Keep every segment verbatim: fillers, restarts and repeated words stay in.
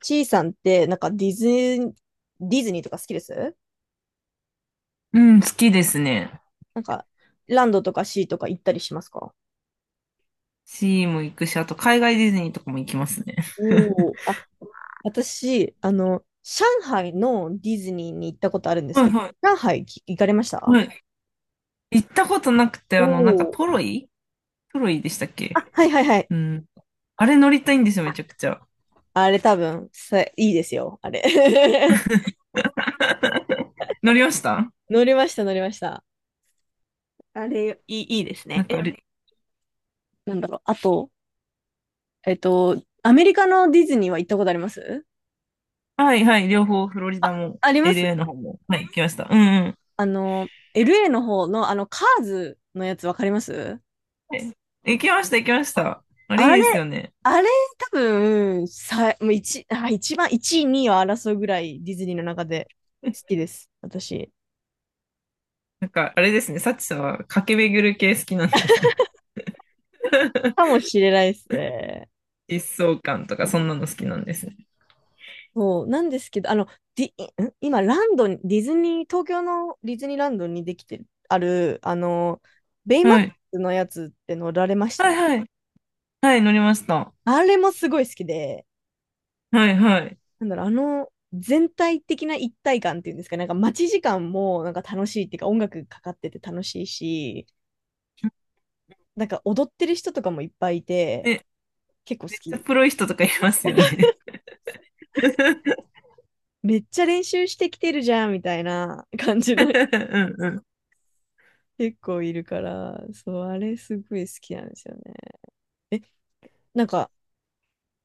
ちいさんって、なんかディズニー、ディズニーとか好きです。うん、好きですね。なんか、ランドとかシーとか行ったりしますか？シーも行くし、あと海外ディズニーとかも行きますね。おおー、あ、私、あの、上海のディズニーに行ったことあるんですはいけど、は上海き行かれましい。はた？い。行ったことなくて、おあの、なんかおー、トロイトロイでしたっけ。あ、はいはいはい。うん。あれ乗りたいんですよ、めちゃくちゃ。あれ多分、さ、いいですよ、あれ。乗りました。 乗りました、乗りました。あれ、いい、いいですなね。んえ、か、りなんだろう。あと、えっと、アメリカのディズニーは行ったことあります？はいはい、両方フロリあ、ダも あります。 エルエー の方も。はい、行きました。うんうん。あの、エルエー の方の、あの、カーズのやつわかります？はい、行きました。うんうん、行きましあた。あれいあいれ、ですよね。あれ、多分、さ、もう一、あ、一番、一位、二位を争うぐらいディズニーの中で好きです。私。なんか、あれですね、サチさんは駆け巡る系好きなんですね。かもしれないですね。疾走感とか、そんなの好きなんですね。そう、なんですけど、あの、ディ、ん今、ランドに、ディズニー、東京のディズニーランドにできてる、ある、あの、ベイマッはクいスのやつって乗られましはいた？はい。はい、乗りました。あれもすごい好きで、はいはい。なんだろう、あの全体的な一体感っていうんですか、なんか待ち時間もなんか楽しいっていうか、音楽かかってて楽しいし、なんか踊ってる人とかもいっぱいいて、ね、結構め好っちゃき。プロい人とかいますよね。めっちゃ練習してきてるじゃんみたいな 感じのうんうん結構いるから、そう、あれすごい好きなんですよね。え、なんか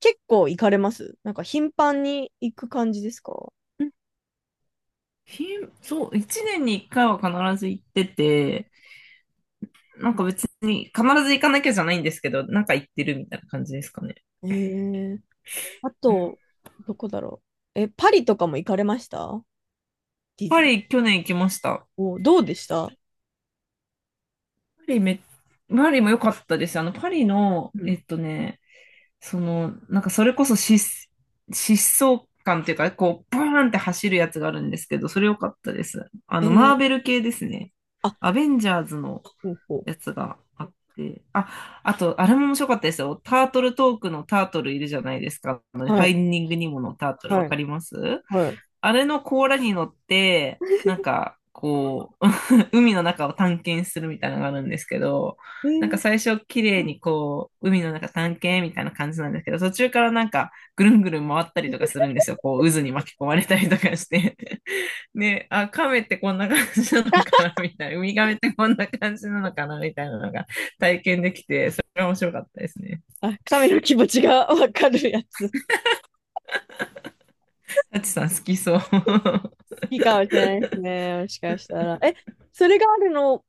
結構行かれます？なんか頻繁に行く感じですか？うん。ひ、そう、一年に一回は必ず行ってて、なんか別に必ず行かなきゃじゃないんですけど、なんか行ってるみたいな感じですかね。えー、あうん。と、どこだろう。え、パリとかも行かれました？ディパズニー。リ去年行きました。お、どうでした？パリめ、パリも良かったです。あの、パリの、うん、えっとね、その、なんかそれこそ疾疾走感っていうかね、こう、バーンって走るやつがあるんですけど、それ良かったです。あの、マえーベえ、ル系ですね。あ、アベンジャーズのほうほやう。つがあって、あ、あと、あれも面白かったですよ。タートルトークのタートルいるじゃないですか。あのフはァい、インディングニモのタートルわはい、かります。はい。あれの甲羅に乗って、なんか、こう、海の中を探検するみたいなのがあるんですけど、えなんかー、最初綺麗にこう、海の中探検みたいな感じなんですけど、途中からなんかぐるんぐるん回ったりとかするんですよ。こう渦に巻き込まれたりとかして。で、あ、亀ってこんな感じなのかなみたいな。ウミガメってこんな感じなのかなみたいなのが体験できて、それは面白かったですね。あ、神の気持ちが わかるやつ。好タチさん好きそう。きかもしれないですね。もしかしたら。え、それがあるの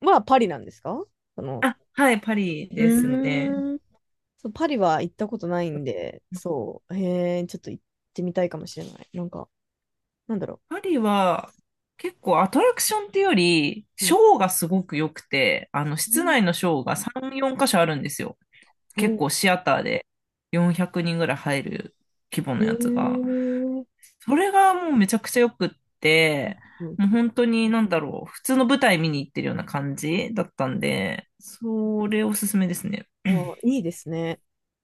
はパリなんですか？その、あ、はい、パリうですね。ーん。そう、パリは行ったことないんで、そう、へえ、ちょっと行ってみたいかもしれない。なんか、なんだろパリは結構アトラクションっていうより、う。うシん。ョーがすごく良くて、あの、う室ん、内のショーがさん、よん箇所あるんですよ。結構お、シアターでよんひゃくにんぐらい入る規模へのやつが。え、それがもうめちゃくちゃ良くって、うん、もう本当になんだろう、普通の舞台見に行ってるような感じだったんで、それおすすめですね。あ、いいですね。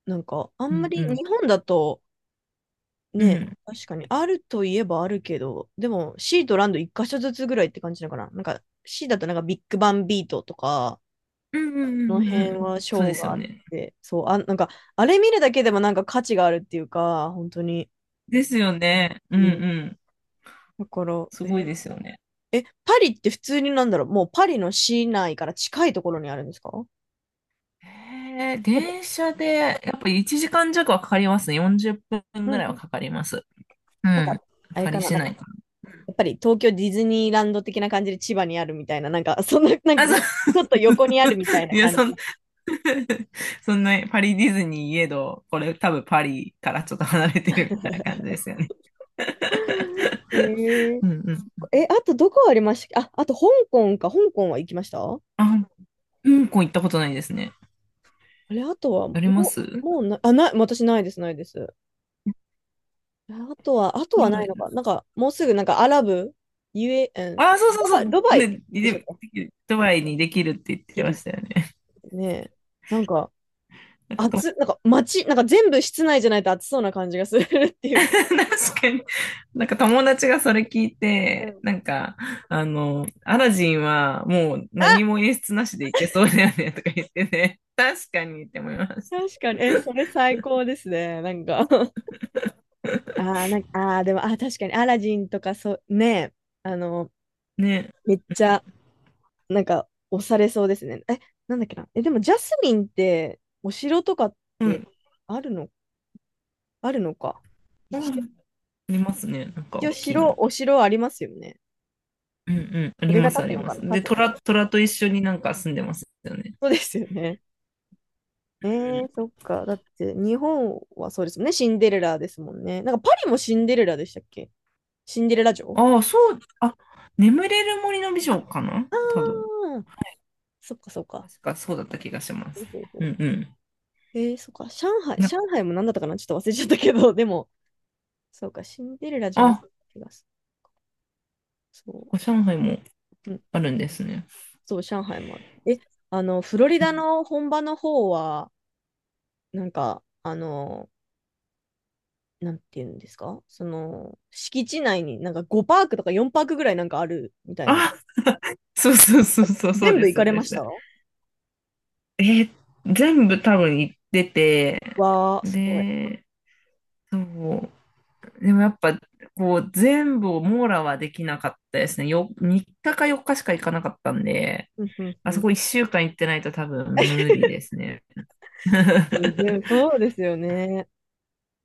なんか、あうんまんうりん。日本だと、うね、ん。確かに。あるといえばあるけど、でも C とランド一箇所ずつぐらいって感じなのかな。なんか C だとなんかビッグバンビートとか、うんうんうこのんうんう辺ん。はシそうョでーすがよあっね。て、そう、あ、なんか、あれ見るだけでもなんか価値があるっていうか、本当に。ですよね。うんうん。うん。だから、すごいえ、ですよね。え、パリって普通になんだろう、もうパリの市内から近いところにあるんですか？うえー、電車で、やっぱいちじかん弱はかかりますね。よんじゅっぷんんぐうらいはん。かかります。うなんん。か、あれパかリな、市なんか、内かやっぱり東京ディズニーランド的な感じで千葉にあるみたいな、なんか、そんな、なんな。か、あ、ちそょっう。と横にあるみたい ないや、感そじ。ん、そんな、パリディズニーいえど、これ多分パリからちょっと離れてるみたいな感じですよね。えー、うんうん。え、あとどこありましたっけ？あ、あと香港か。香港は行きました？ああ、香港行ったことないですね。れ、あとは、もありまう、すもうな、あ、ない、私ないです、ないです。あとは、あとくはならいい。のか。なんか、もうすぐ、なんか、アラブ、ゆえ、えーと、あ、そうそうドそバイ、ドバう。イね、でしたで、っけ？ドバイにできるって言って切まるしたよね。ってね。なんか、暑、なんか、街、なんか全部室内じゃないと暑そうな感じがするっていう 確か。かに。なんか友達がそれ聞いうて、なん、んか、あの、アラジンはもうあ、何も演出なしでいけそうだよねとか言ってね。確かにって思いました。確かに。え、それ最高ですね。なんか あー、なんか、あー、でも、あー、確かに、アラジンとか、そう、ね、あの、ね。めっちゃ、なんか押されそうですね。え、なんだっけな。え、でもジャスミンってお城とかっうてん。あるの、あるのか。う一応、ん、ありますね。なんか一大応きいの。城、お城ありますよね。うんうん。あそりれがます立あつりのまかな、す。立で、つのか。虎、虎と一緒になんか住んでますよね。そうですよね。えー、そっか。だって日本はそうですもんね。シンデレラですもんね。なんかパリもシンデレラでしたっけ？シンデレラう城。ん。ああ、そう。あ、眠れる森の美あ、女かなあ多分。ー、そっかそっか。確かそうだった気がしまほす。うほううほんうん。う、えー、そっか。上海、な上海も何だったかなちょっと忘れちゃったけど、でも、そうか、シンデレラじゃなくあ、こて気がする。そこ上海もう。うん、あるんですね。そう、上海もある。え、あの、フロリダの本場の方は、なんか、あの、なんていうんですか、その、敷地内になんかごパークとかよんパークぐらいなんかあるみたいな。あ、そうそうそうそうそう全で部す、行そかうれでましす。た？わえー、全部多分行ってて、ー、すごい。で、そう。でもやっぱ、こう、全部を網羅はできなかったですね。よ、みっかかよっかしか行かなかったんで、うんうんあうそん。こいっしゅうかん行ってないと多分無理ですね。うん、そうですよね。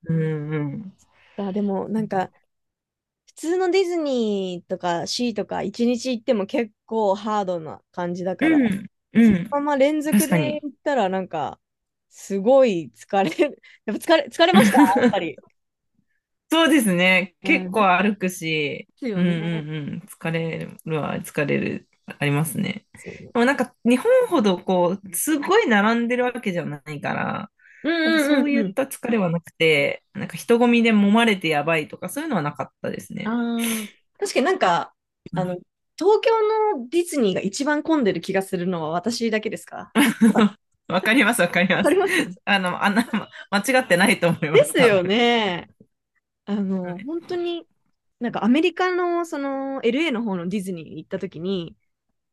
うんうん。あ、でも、なんか、普通のディズニーとかシーとか一日行っても結構ハードな感じだうから、ん、うそん。のまま連続確でかに。行ったらなんか、すごい疲れる。やっぱ疲れ、疲れましたやっぱ り。そうですね。な結るほど構で歩くし、すうよんうね。んうん。疲れるは疲れる、ありますね。そうね、でもなんか日本ほどこう、すごい並んでるわけじゃないから、うなんかんそううんういんっうた疲れはなくて、なんか人混みで揉まれてやばいとかそういうのはなかったですね。ん。ああ、確かになんか、あの、東京のディズニーが一番混んでる気がするのは私だけですか？ わかります、わかりわまかりす。ますあの、あんな、間違ってないと思いでます、す多分。よね。あはの、い。本当になんかアメリカのその エルエー の方のディズニーに行った時に、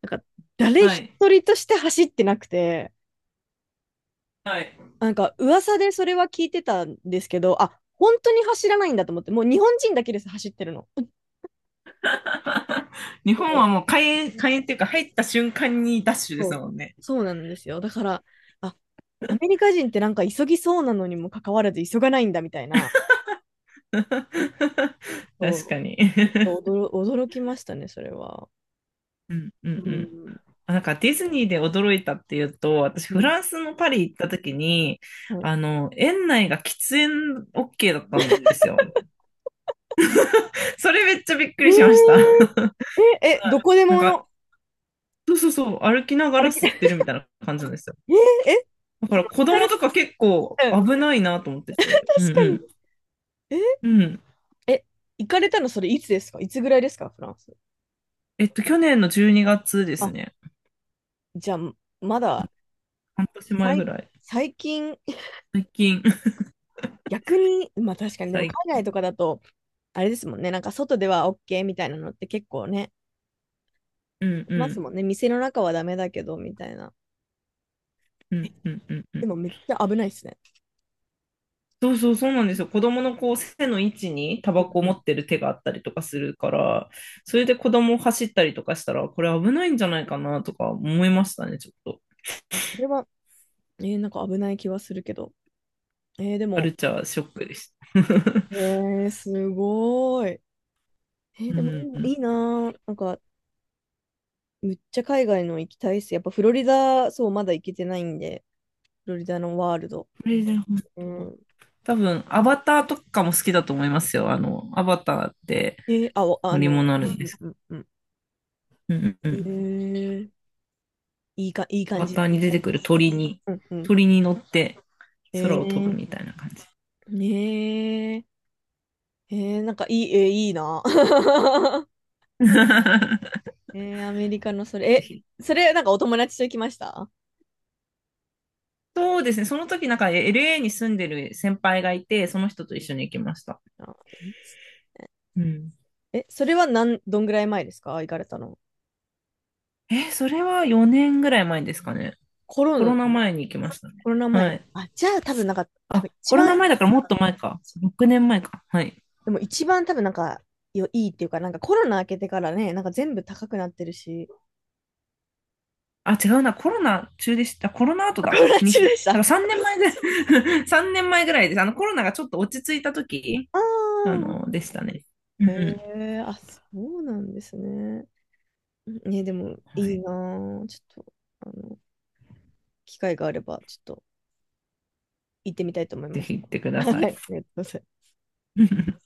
なんか誰は一い。人として走ってなくて、はい。 なんか噂でそれは聞いてたんですけど、あ、本当に走らないんだと思って、もう日本人だけです、走ってるの。日そ本はう、もう開園、開園っていうか入った瞬間にダッシュでそすう。もんね。そうなんですよ。だから、あ、アメリカ人ってなんか急ぎそうなのにもかかわらず急がないんだみたいな、確かそに。うちょっと 驚、驚きましたね、それは。うんうんううん。ん。あ、なんかディズニーで驚いたっていうと、私うフんランスのパリ行った時に、はい、あの、園内が喫煙 OK だったんですよ。それめっちゃびっくえりしました。ーえ、え、どこでなんか、もそうそうそう、歩きながら歩き、吸ってるみたいな感じなんですよ。えー、え、だかそらの、子行か供とれ、か結構うん、危 ないなと思ってて。うん確かうに。ん。え、うん。え、行かれたのそれいつですか？いつぐらいですか？フランス。えっと、去年のじゅうにがつですあ、ね。じゃあ、まだ、半年前ぐ最、らい。最近、最近。逆に、まあ確 かに、でも最海外近。とかだと、あれですもんね、なんか外では OK みたいなのって結構ね、うんいうますもんん。ね。店の中はダメだけど、みたいな。うんうんうんうでん。もめっちゃ危ないですね。そうそうそうなんですよ。子供のこう背の位置にタうバんコをう持ん。ってる手があったりとかするから、それで子供を走ったりとかしたら、これ危ないんじゃないかなとか思いましたね、ちょっと。あ、それは、えー、なんか危ない気はするけど。えー、でカも、ルチャーショックでした。えー、すごい。えー、うでもん。いいないいこなー。なんか、むっちゃ海外の行きたいっす。やっぱフロリダ、そう、まだ行けてないんで、フロリダのワールド。れで本う当。ん。多分、アバターとかも好きだと思いますよ。あの、アバターってえーあ、おあ乗りの、物あうるんんうでんすけうんうん。ど。うんうんうえん。ー、いいか、いいア感バじ。ターに出てくる鳥に、うんうん。鳥に乗ってえ空を飛ぶー、みたいな感じ。ねえ。えー、なんかいい、えーいいな。えー、アメリカのそぜれ、え、ひ。それなんかお友達と行きました？そうですね。その時なんか エルエー に住んでる先輩がいて、その人と一緒に行きました。あ、いいっす。うん。え、それはなん、どんぐらい前ですか？行かれたの。え、それはよねんぐらい前ですかね。コロコナ、ロナ前に行きましたね。コロナは前。い。あ、じゃあ多分なんか、多あ、分一コロナ番前だからもっと前か。ろくねんまえか。はい。でも一番多分なんか、よいいっていうか、なんかコロナ明けてからね、なんか全部高くなってるし、あ、違うな。コロナ中でした。コロナ後 コだ。ロナに、だ中でした。かあらさんねんまえぐらい、さんねんまえぐらいです。あの、コロナがちょっと落ち着いた時、ああ、の、でしたね。うんへうえ、あ、そうなんですね。ね、でもん。はいいい。なぁちょっと、あの、機会があれば、ちょっと行ってみたいと思いぜまひす。行ってく はだい、ありさい。がとうございます。